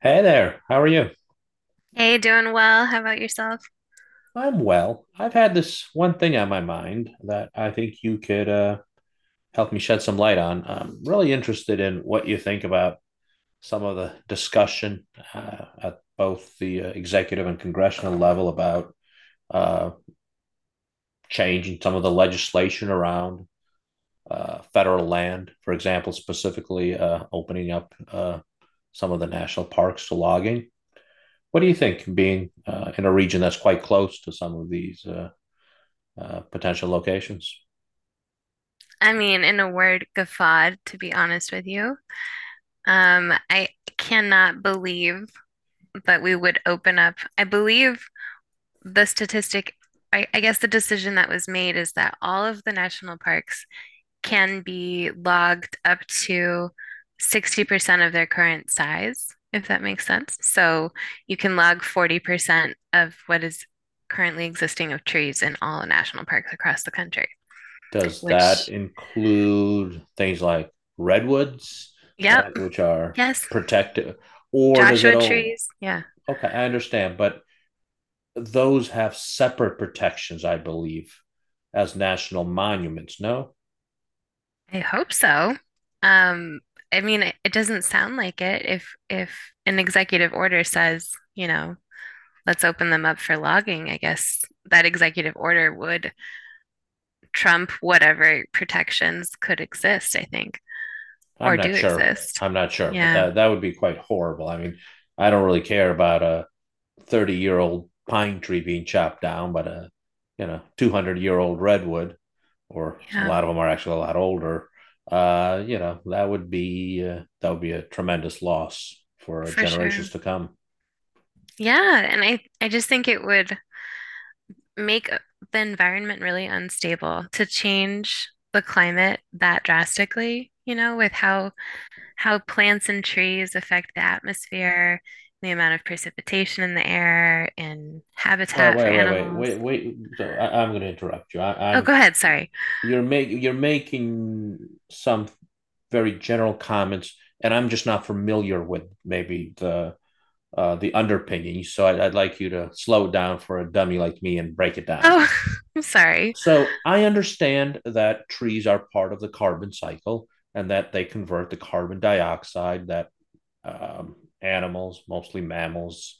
Hey there, how are you? Hey, doing well. How about yourself? I'm well. I've had this one thing on my mind that I think you could help me shed some light on. I'm really interested in what you think about some of the discussion at both the executive and congressional level about uh, changing some of the legislation around federal land, for example, specifically opening up some of the national parks to logging. What do you think, being in a region that's quite close to some of these potential locations? I mean, in a word, guffawed, to be honest with you. I cannot believe that we would open up. I believe the statistic, I guess the decision that was made is that all of the national parks can be logged up to 60% of their current size, if that makes sense. So you can log 40% of what is currently existing of trees in all national parks across the country, Does that which... include things like redwoods, Yep. right, which are Yes. protected, or does it Joshua all? trees. Yeah, Okay, I understand, but those have separate protections, I believe, as national monuments. No, I hope so. Um, I mean, it doesn't sound like it. If an executive order says, you know, let's open them up for logging, I guess that executive order would trump whatever protections could exist, I think, I'm or not do sure. exist. I'm not sure, but Yeah, that would be quite horrible. I mean, I don't really care about a 30-year-old pine tree being chopped down, but a 200-year-old redwood, or a yeah, lot of them are actually a lot older. That would be a tremendous loss for for generations sure. to come. Yeah, and I just think it would make the environment really unstable to change the climate that drastically, you know, with how plants and trees affect the atmosphere, the amount of precipitation in the air, and Wait, habitat for wait, wait, wait, animals. wait, wait. So I'm going to interrupt you. I, Oh, I'm go ahead. Sorry. You're making some very general comments, and I'm just not familiar with maybe the the underpinning. So I'd like you to slow it down for a dummy like me and break it down. Oh, I'm sorry. So I understand that trees are part of the carbon cycle, and that they convert the carbon dioxide that animals, mostly mammals,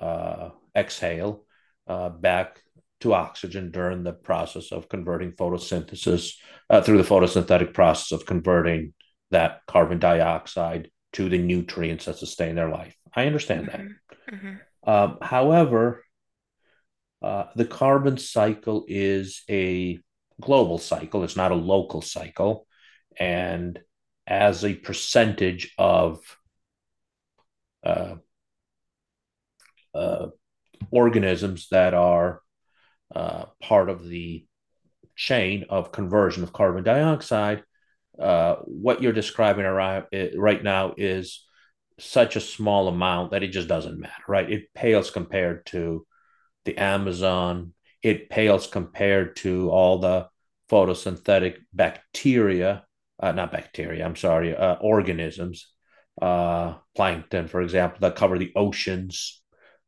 uh, exhale back to oxygen during the process of converting photosynthesis, through the photosynthetic process of converting that carbon dioxide to the nutrients that sustain their life. I understand that. Hmm hmm However, the carbon cycle is a global cycle, it's not a local cycle. And as a percentage of uh, uh, organisms that are part of the chain of conversion of carbon dioxide, what you're describing around, right now, is such a small amount that it just doesn't matter, right? It pales compared to the Amazon, it pales compared to all the photosynthetic bacteria, not bacteria, I'm sorry, organisms, plankton, for example, that cover the oceans,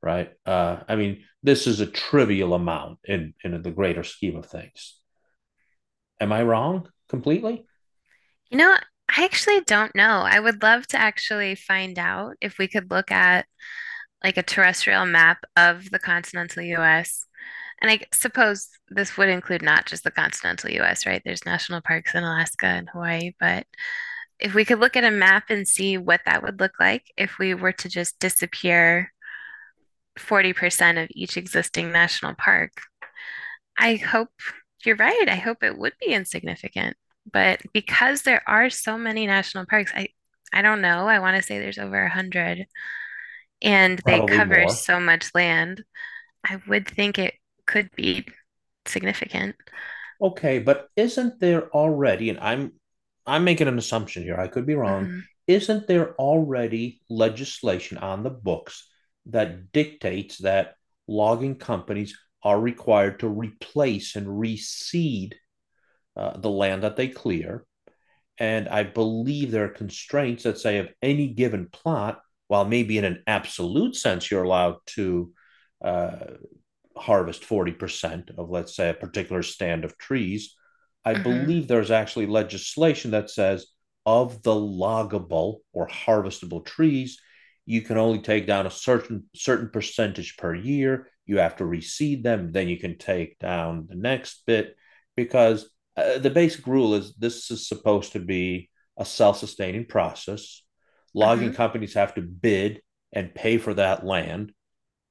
right? I mean, this is a trivial amount in the greater scheme of things. Am I wrong completely? You know, I actually don't know. I would love to actually find out if we could look at like a terrestrial map of the continental US. And I suppose this would include not just the continental US, right? There's national parks in Alaska and Hawaii, but if we could look at a map and see what that would look like if we were to just disappear 40% of each existing national park, I hope you're right. I hope it would be insignificant. But because there are so many national parks, I don't know. I want to say there's over 100 and they Probably cover more. so much land. I would think it could be significant. Okay, but isn't there already, and I'm making an assumption here, I could be wrong, Hmm isn't there already legislation on the books that dictates that logging companies are required to replace and reseed the land that they clear? And I believe there are constraints that say of any given plot, while maybe in an absolute sense you're allowed to uh, harvest 40% of, let's say, a particular stand of trees. I hmm believe there's actually legislation that says of the loggable or harvestable trees, you can only take down a certain percentage per year. You have to reseed them, then you can take down the next bit, because the basic rule is this is supposed to be a self-sustaining process. Logging hmm companies have to bid and pay for that land,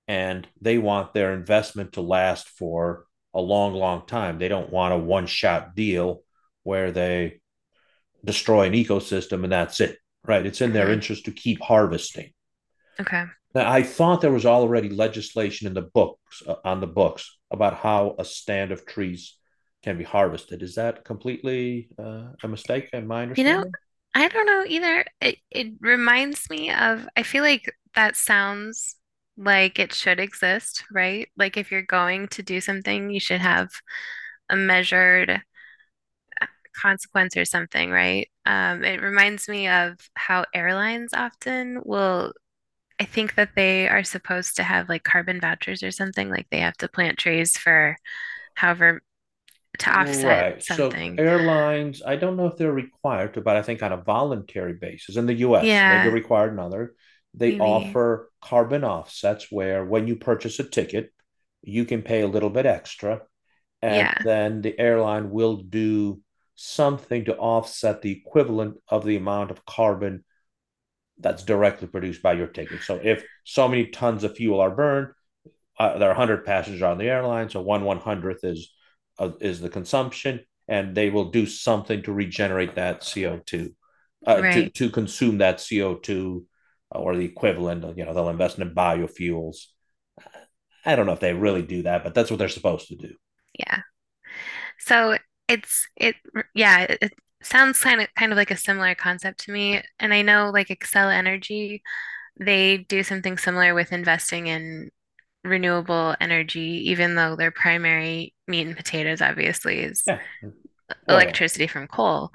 and they want their investment to last for a long, long time. They don't want a one shot deal where they destroy an ecosystem, and that's it, right? It's in their hmm interest to keep harvesting. Okay. Now, I thought there was already legislation in the books on the books about how a stand of trees can be harvested. Is that completely a mistake in my You know, understanding? I don't know either. It reminds me of, I feel like that sounds like it should exist, right? Like if you're going to do something, you should have a measured consequence or something, right? It reminds me of how airlines often will, I think that they are supposed to have like carbon vouchers or something, like they have to plant trees for however, to offset Right. So something. airlines, I don't know if they're required to, but I think on a voluntary basis in the US, maybe Yeah, required in other, they maybe. offer carbon offsets where, when you purchase a ticket, you can pay a little bit extra, and Yeah, then the airline will do something to offset the equivalent of the amount of carbon that's directly produced by your ticket. So if so many tons of fuel are burned, there are 100 passengers on the airline, so one one hundredth is the consumption, and they will do something to regenerate that CO2, uh, to right. to consume that CO2, or the equivalent. You know, they'll invest in biofuels. I don't know if they really do that, but that's what they're supposed to do. Yeah. So it yeah, it sounds kind of like a similar concept to me. And I know like Excel Energy, they do something similar with investing in renewable energy, even though their primary meat and potatoes obviously is Yeah, oil. electricity from coal.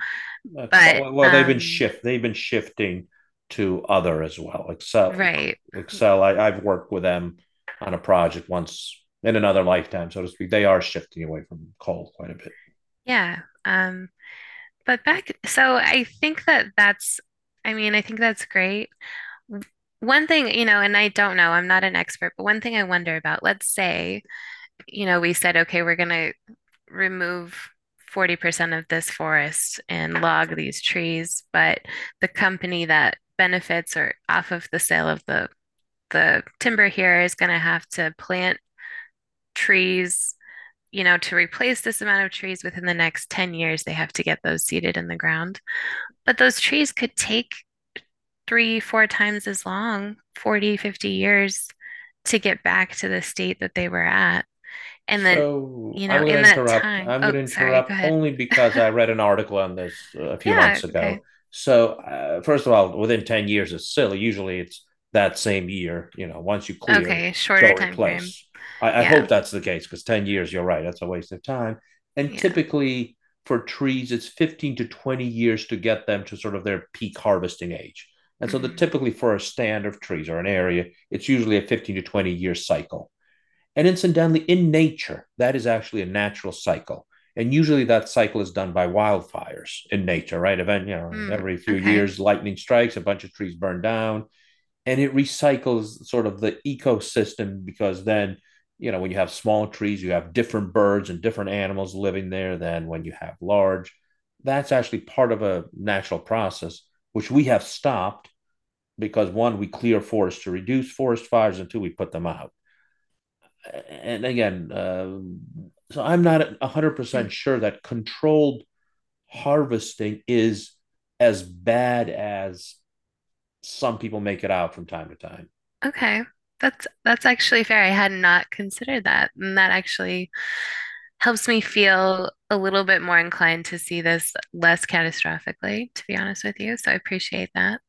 uh, But well, they've been shifting to other as well. Excel, right. Excel. I've worked with them on a project once, in another lifetime, so to speak. They are shifting away from coal quite a bit. Yeah. But back, I think that that's I mean, I think that's great. One thing, you know, and I don't know, I'm not an expert, but one thing I wonder about, let's say, you know, we said, okay, we're going to remove 40% of this forest and log these trees, but the company that benefits or off of the sale of the timber here is going to have to plant trees, you know, to replace this amount of trees within the next 10 years, they have to get those seeded in the ground. But those trees could take three, four times as long, 40, 50 years to get back to the state that they were at. And then, So you I'm know, going to in that interrupt. time, I'm going oh, to sorry, go interrupt ahead. only because I read an article on this a few Yeah, months ago. okay. So first of all, within 10 years is silly. Usually it's that same year. You know, once you clear, Okay, go shorter time frame. replace. I hope Yeah, that's the case, because 10 years, you're right, that's a waste of time. And yeah. typically for trees, it's 15 to 20 years to get them to sort of their peak harvesting age. And so the Hmm. typically for a stand of trees or an area, it's usually a 15 to 20 year cycle. And incidentally, in nature, that is actually a natural cycle. And usually that cycle is done by wildfires in nature, right? Event, you know, Hmm. every few Okay. years, lightning strikes, a bunch of trees burn down, and it recycles sort of the ecosystem, because then, when you have small trees, you have different birds and different animals living there than when you have large. That's actually part of a natural process, which we have stopped because one, we clear forests to reduce forest fires, and two, we put them out, and again, so I'm not Hmm. 100% sure that controlled harvesting is as bad as some people make it out from time to time. Okay. That's actually fair. I had not considered that, and that actually helps me feel a little bit more inclined to see this less catastrophically, to be honest with you. So I appreciate that.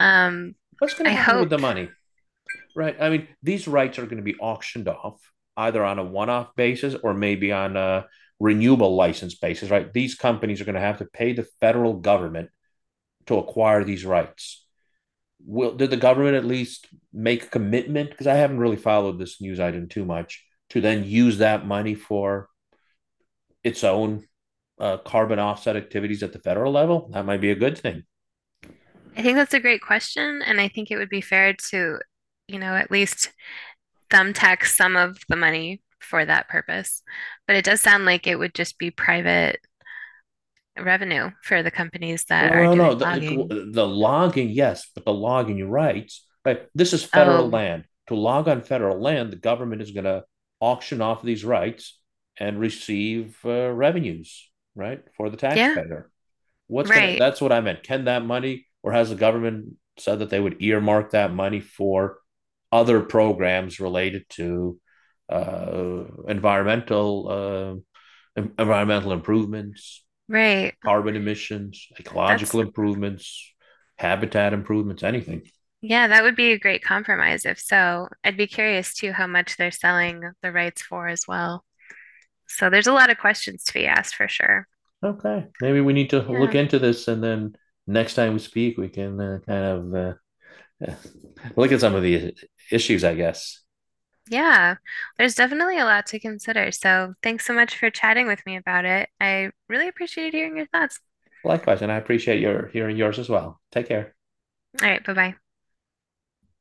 Um, What's going to I happen hope. with the money, right? I mean, these rights are going to be auctioned off either on a one off basis, or maybe on a renewable license basis, right? These companies are going to have to pay the federal government to acquire these rights. Will did the government at least make a commitment? Because I haven't really followed this news item too much, to then use that money for its own carbon offset activities at the federal level. That might be a good thing. I think that's a great question, and I think it would be fair to, you know, at least thumbtack some of the money for that purpose. But it does sound like it would just be private revenue for the companies that Well, are no, no, doing the, logging. the, the logging, yes, but the logging, you're right, right. This is federal Oh, land. To log on federal land, the government is going to auction off these rights and receive revenues, right, for the yeah, taxpayer. What's gonna? right, That's what I meant. Can that money, or has the government said that they would earmark that money for other programs related to uh, environmental uh, environmental improvements, right. carbon emissions, ecological That's, improvements, habitat improvements, anything? yeah, that would be a great compromise if so. I'd be curious too how much they're selling the rights for as well. So there's a lot of questions to be asked for sure. Okay, maybe we need to look Yeah, into this, and then next time we speak, we can kind of. Look at some of the issues, I guess. yeah, there's definitely a lot to consider. So thanks so much for chatting with me about it. I really appreciated hearing your thoughts. Likewise, and I appreciate your hearing yours as well. Take care. All right, bye bye.